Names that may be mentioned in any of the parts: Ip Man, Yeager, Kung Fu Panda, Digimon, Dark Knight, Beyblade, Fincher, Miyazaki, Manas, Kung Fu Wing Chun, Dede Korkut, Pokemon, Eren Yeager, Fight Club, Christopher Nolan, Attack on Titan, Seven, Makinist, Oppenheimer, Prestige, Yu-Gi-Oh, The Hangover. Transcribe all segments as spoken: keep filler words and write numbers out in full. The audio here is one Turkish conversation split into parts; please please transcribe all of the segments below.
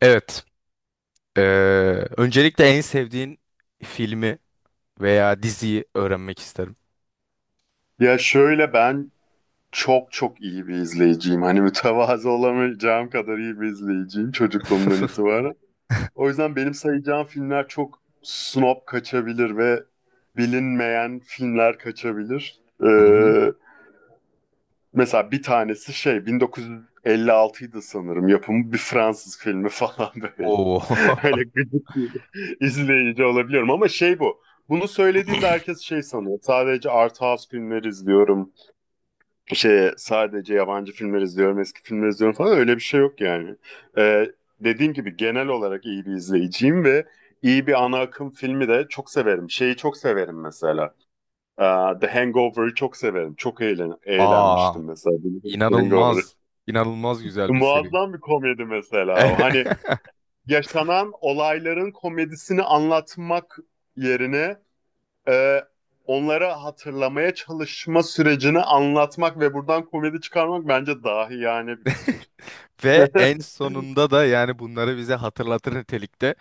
Evet. Ee, Öncelikle en sevdiğin filmi veya diziyi öğrenmek isterim. Ya şöyle ben çok çok iyi bir izleyiciyim. Hani mütevazı olamayacağım kadar iyi bir izleyiciyim çocukluğumdan itibaren. O yüzden benim sayacağım filmler çok snob kaçabilir ve bilinmeyen filmler kaçabilir. Ee, Hı hı. mesela bir tanesi şey bin dokuz yüz elli altıydı sanırım yapımı bir Fransız filmi falan böyle. Oo. Öyle gıcık bir izleyici olabiliyorum ama şey bu. Bunu söylediğimde herkes şey sanıyor. Sadece art house filmleri izliyorum şey sadece yabancı filmler izliyorum, eski filmler izliyorum falan öyle bir şey yok yani. Ee, dediğim gibi genel olarak iyi bir izleyiciyim ve iyi bir ana akım filmi de çok severim. Şeyi çok severim mesela. Ee, The Hangover'ı çok severim. Çok eğlen Aa, eğlenmiştim mesela. The Hangover'ı. inanılmaz, inanılmaz güzel bir seri. Muazzam bir komedi mesela o. Hani yaşanan olayların komedisini anlatmak yerine e, onlara hatırlamaya çalışma sürecini anlatmak ve buradan komedi çıkarmak bence dahi yani bir fikir. Ve en sonunda da yani bunları bize hatırlatır nitelikte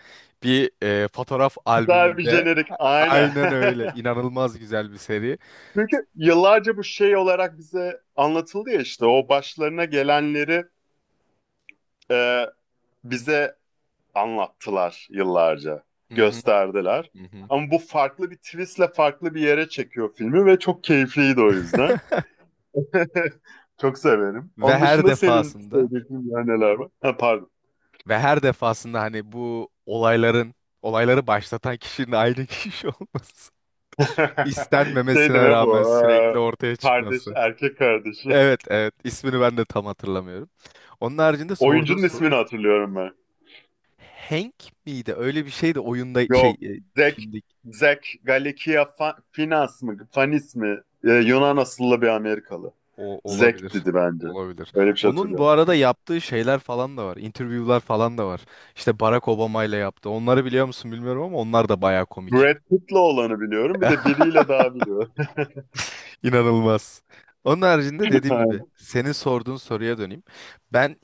bir e, fotoğraf Daha bir albümünde. jenerik aynen. Aynen öyle. İnanılmaz güzel bir seri. Çünkü yıllarca bu şey olarak bize anlatıldı ya işte o başlarına gelenleri e, bize anlattılar yıllarca. Hı hı. Gösterdiler. Hı hı. Ama bu farklı bir twistle farklı bir yere çekiyor filmi ve çok keyifliydi o yüzden. Çok severim. Ve Onun her dışında senin defasında sevdiğin neler var? Ha, pardon. Ve her defasında hani bu olayların, olayları başlatan kişinin aynı kişi olması. Şey İstenmemesine deme rağmen bu. sürekli eee, ortaya kardeş, çıkması. erkek kardeşi. Evet, evet. ismini ben de tam hatırlamıyorum. Onun haricinde sorduğun Oyuncunun soru, ismini hatırlıyorum ben. Hank miydi? Öyle bir şeydi oyunda şey Yok. e, Zek, filmde, Zek Galikia Fa- Finas mı? Fanis mi? Ee, Yunan asıllı bir Amerikalı. o olabilir. Zek dedi bence. Olabilir. Öyle bir şey Onun bu hatırlıyorum. arada yaptığı şeyler falan da var. Interview'lar falan da var. İşte Barack Obama ile yaptı. Onları biliyor musun bilmiyorum ama onlar da bayağı komik. Brad Pitt'le olanı biliyorum. Bir de biriyle daha biliyorum. İnanılmaz. Onun haricinde, dediğim Aynen. gibi, senin sorduğun soruya döneyim. Ben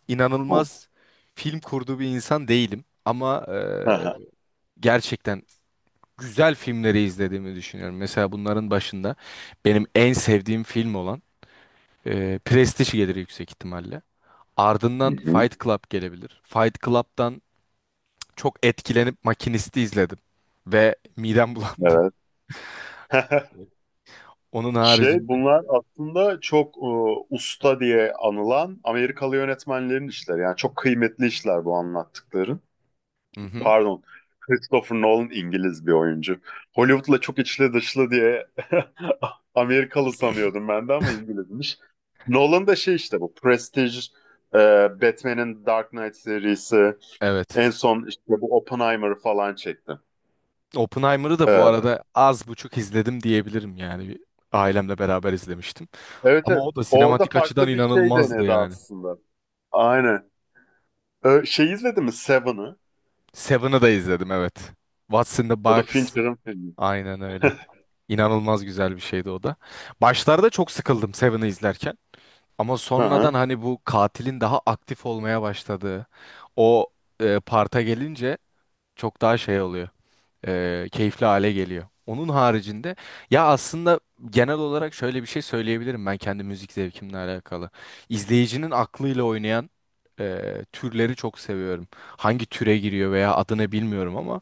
Hı inanılmaz film kurduğu bir insan değilim ama eee, hı. gerçekten güzel filmleri izlediğimi düşünüyorum. Mesela bunların başında benim en sevdiğim film olan eee Prestige gelir yüksek ihtimalle. Hı Ardından hı. Fight Club gelebilir. Fight Club'dan çok etkilenip Makinist'i izledim ve midem bulandı. Evet. Onun Şey haricinde. bunlar aslında çok e, usta diye anılan Amerikalı yönetmenlerin işleri. Yani çok kıymetli işler bu anlattıkların. Hı hı. Pardon. Christopher Nolan İngiliz bir oyuncu. Hollywood'la çok içli dışlı diye Amerikalı sanıyordum ben de ama İngilizmiş. Nolan da şey işte bu Prestige, e, Batman'in Dark Knight serisi, Evet. en son işte bu Oppenheimer falan çekti. Oppenheimer'ı da bu E, arada az buçuk izledim diyebilirim yani. Bir, ailemle beraber izlemiştim. evet, Ama evet. o da Orada sinematik açıdan farklı bir şey inanılmazdı denedi yani. aslında. Aynen. Ee, şey izledin mi Seven'ı? Seven'ı da izledim, evet. What's in the O da Box. Fincher'ın filmi. Aynen öyle. İnanılmaz güzel bir şeydi o da. Başlarda çok sıkıldım Seven'ı izlerken. Ama Hı sonradan hı. hani bu katilin daha aktif olmaya başladığı o e, parta gelince çok daha şey oluyor. E, keyifli hale geliyor. Onun haricinde, ya, aslında genel olarak şöyle bir şey söyleyebilirim, ben kendi müzik zevkimle alakalı. İzleyicinin aklıyla oynayan e, türleri çok seviyorum. Hangi türe giriyor veya adını bilmiyorum ama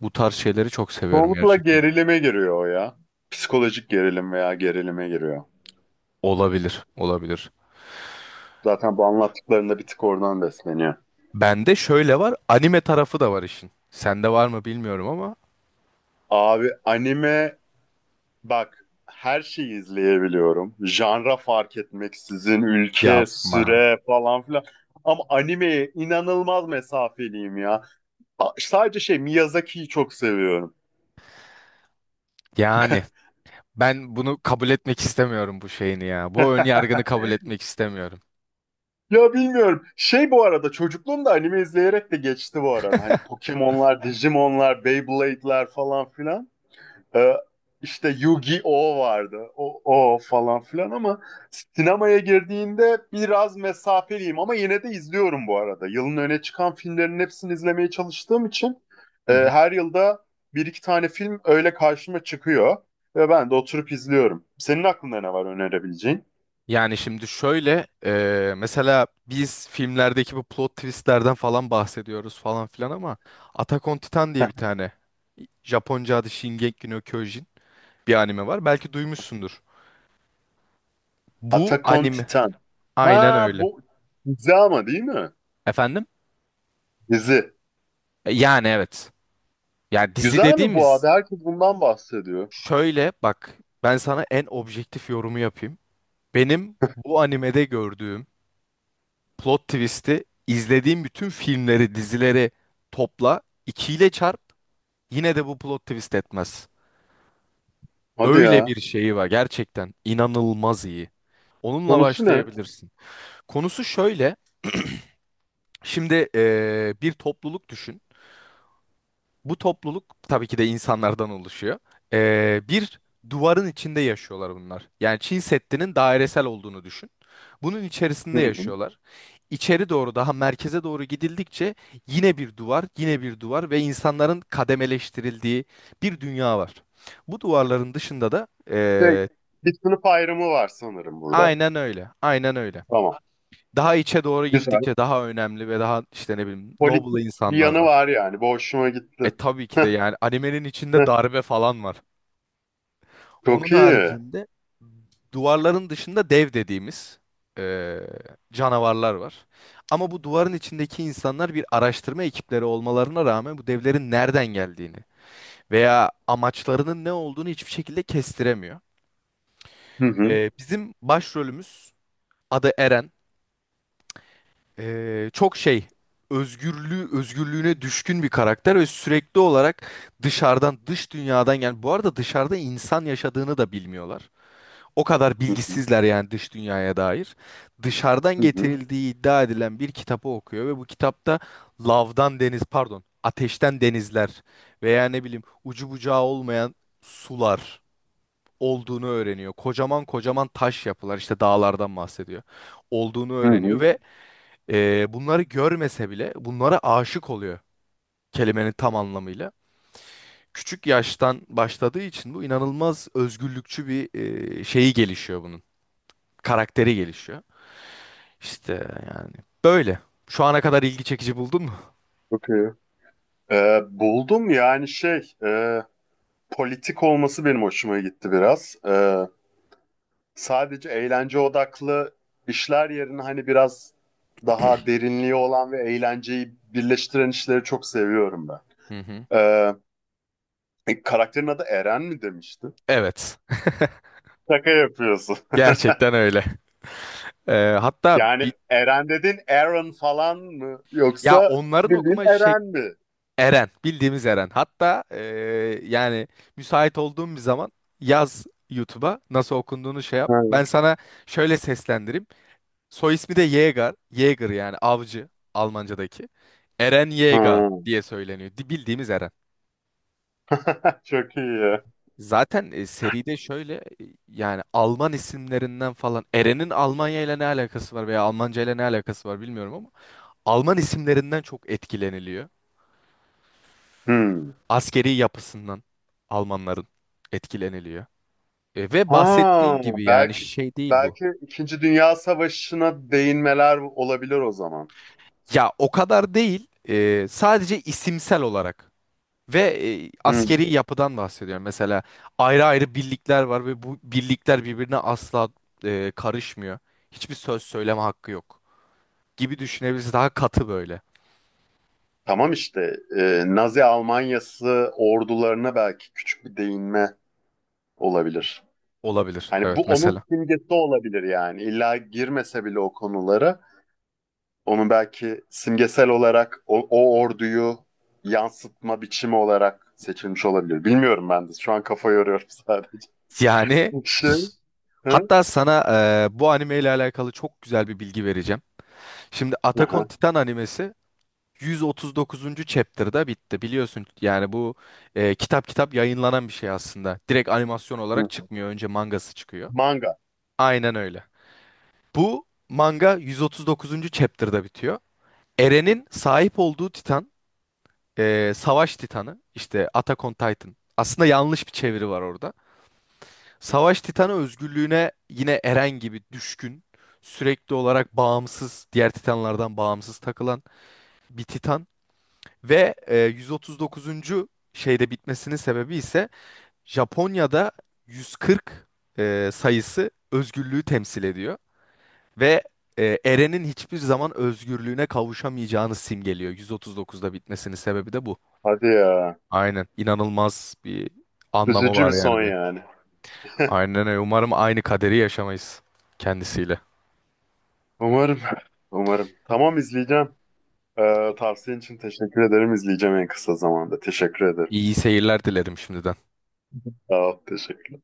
bu tarz şeyleri çok seviyorum Çoğunlukla gerçekten. gerilime giriyor o ya. Psikolojik gerilim veya gerilime giriyor. Olabilir, olabilir. Zaten bu anlattıklarında bir tık oradan besleniyor. Bende şöyle var, anime tarafı da var işin. Sende var mı bilmiyorum ama Abi anime bak, her şeyi izleyebiliyorum. Janra fark etmeksizin, ülke, yapma. süre falan filan. Ama animeye inanılmaz mesafeliyim ya. A- Sadece şey Miyazaki'yi çok seviyorum. Yani ben bunu kabul etmek istemiyorum, bu şeyini ya. Bu ön yargını kabul etmek istemiyorum. Ya bilmiyorum. Şey bu arada çocukluğumda anime izleyerek de geçti bu arada. Hani Pokemon'lar, Digimon'lar, Beyblade'ler falan filan. Ee, işte Yu-Gi-Oh vardı. O, o falan filan ama sinemaya girdiğinde biraz mesafeliyim ama yine de izliyorum bu arada. Yılın öne çıkan filmlerin hepsini izlemeye çalıştığım için Hı e, hı. her yılda bir iki tane film öyle karşıma çıkıyor ve ben de oturup izliyorum. Senin aklında ne var önerebileceğin? Yani şimdi şöyle e, mesela biz filmlerdeki bu plot twistlerden falan bahsediyoruz falan filan ama Attack on Titan diye bir tane, Japonca adı Shingeki no Kyojin, bir anime var. Belki duymuşsundur. Bu Atakon anime, Titan. aynen Ha, öyle. bu dizi ama değil mi? Efendim? Dizi. E, Yani evet. Yani dizi Güzel mi bu abi? dediğimiz. Herkes bundan bahsediyor. Şöyle bak, ben sana en objektif yorumu yapayım. Benim bu animede gördüğüm plot twist'i izlediğim bütün filmleri, dizileri topla, ikiyle çarp, yine de bu plot twist etmez. Hadi Öyle ya. bir şeyi var, gerçekten inanılmaz iyi. Onunla Konusu ne? Hı başlayabilirsin. Konusu şöyle. Şimdi eee, bir topluluk düşün. Bu topluluk tabii ki de insanlardan oluşuyor. Ee, bir duvarın içinde yaşıyorlar bunlar. Yani Çin Seddi'nin dairesel olduğunu düşün. Bunun içerisinde hı. yaşıyorlar. İçeri doğru, daha merkeze doğru gidildikçe yine bir duvar, yine bir duvar ve insanların kademeleştirildiği bir dünya var. Bu duvarların dışında da Şey, ee, bir sınıf ayrımı var sanırım burada. aynen öyle, aynen öyle. Tamam. Daha içe doğru Güzel. gittikçe daha önemli ve daha işte ne bileyim noble Politik bir insanlar yanı var. var yani. Bu hoşuma E gitti. tabii ki de yani animenin içinde darbe falan var. Onun Çok iyi. haricinde duvarların dışında dev dediğimiz e, canavarlar var. Ama bu duvarın içindeki insanlar bir araştırma ekipleri olmalarına rağmen bu devlerin nereden geldiğini veya amaçlarının ne olduğunu hiçbir şekilde kestiremiyor. Hı hı. E, bizim başrolümüz, adı Eren. E, çok şey özgürlüğü özgürlüğüne düşkün bir karakter ve sürekli olarak dışarıdan, dış dünyadan, yani bu arada dışarıda insan yaşadığını da bilmiyorlar. O kadar Hı hı. bilgisizler yani dış dünyaya dair. Dışarıdan Hı hı. getirildiği iddia edilen bir kitabı okuyor ve bu kitapta lavdan deniz pardon ateşten denizler veya ne bileyim ucu bucağı olmayan sular olduğunu öğreniyor. Kocaman kocaman taş yapılar, işte dağlardan bahsediyor. Olduğunu Hı öğreniyor hı. ve e, bunları görmese bile bunlara aşık oluyor, kelimenin tam anlamıyla. Küçük yaştan başladığı için bu, inanılmaz özgürlükçü bir e, şeyi gelişiyor bunun karakteri gelişiyor. İşte yani böyle. Şu ana kadar ilgi çekici buldun mu? Çok iyi. Ee, buldum yani şey e, politik olması benim hoşuma gitti biraz. Ee, sadece eğlence odaklı işler yerine hani biraz daha derinliği olan ve eğlenceyi birleştiren işleri çok seviyorum ben. Hı hı. Ee, e, karakterin adı Eren mi demişti? Evet. Şaka yapıyorsun. Gerçekten öyle. Ee, hatta Yani bi- Eren dedin, Aaron falan mı? ya Yoksa onların bildiğin okuma şey Eren mi? Eren, bildiğimiz Eren. Hatta ee, Yani müsait olduğum bir zaman yaz, YouTube'a nasıl okunduğunu şey yap. Ha. Ben sana şöyle seslendireyim. Soy ismi de Yeager. Yeager, yani avcı Almanca'daki. Eren Yeager Ha. diye söyleniyor. Di- Bildiğimiz Eren. Çok iyi. Zaten e, seride şöyle, e, yani Alman isimlerinden falan, Eren'in Almanya ile ne alakası var veya Almanca ile ne alakası var bilmiyorum ama Alman isimlerinden çok etkileniliyor. Hmm. Askeri yapısından Almanların etkileniliyor. E, ve Ha, bahsettiğin gibi yani belki şey değil bu. belki İkinci Dünya Savaşı'na değinmeler olabilir o zaman. Ya o kadar değil, e, sadece isimsel olarak ve e, Hmm. askeri yapıdan bahsediyorum. Mesela ayrı ayrı birlikler var ve bu birlikler birbirine asla e, karışmıyor. Hiçbir söz söyleme hakkı yok gibi düşünebiliriz. Daha katı böyle Tamam işte e, Nazi Almanyası ordularına belki küçük bir değinme olabilir. olabilir. Hani bu Evet onun mesela. simgesi olabilir yani. İlla girmese bile o konulara onun belki simgesel olarak o, o orduyu yansıtma biçimi olarak seçilmiş olabilir. Bilmiyorum ben de. Şu an kafa yoruyorum sadece. Yani Şey, hı? hatta sana e, bu anime ile alakalı çok güzel bir bilgi vereceğim. Şimdi Attack on Hı Titan animesi yüz otuz dokuzuncu. chapter'da bitti. Biliyorsun yani bu e, kitap kitap yayınlanan bir şey aslında. Direkt animasyon olarak hı. çıkmıyor. Önce mangası çıkıyor. Manga. Aynen öyle. Bu manga yüz otuz dokuzuncu. chapter'da bitiyor. Eren'in sahip olduğu Titan, e, Savaş Titanı, işte Attack on Titan. Aslında yanlış bir çeviri var orada. Savaş Titanı özgürlüğüne yine Eren gibi düşkün, sürekli olarak bağımsız, diğer Titanlardan bağımsız takılan bir Titan ve e, yüz otuz dokuzuncu. şeyde bitmesinin sebebi ise Japonya'da yüz kırk e, sayısı özgürlüğü temsil ediyor ve e, Eren'in hiçbir zaman özgürlüğüne kavuşamayacağını simgeliyor. yüz otuz dokuzda bitmesinin sebebi de bu. Hadi ya. Aynen. İnanılmaz bir anlamı Üzücü var bir yani son be. yani. Aynen öyle. Umarım aynı kaderi yaşamayız kendisiyle. Umarım. Umarım. Tamam, izleyeceğim. Ee, tavsiyen için teşekkür ederim. İzleyeceğim en kısa zamanda. Teşekkür ederim. İyi seyirler dilerim şimdiden. Sağ ol, teşekkür.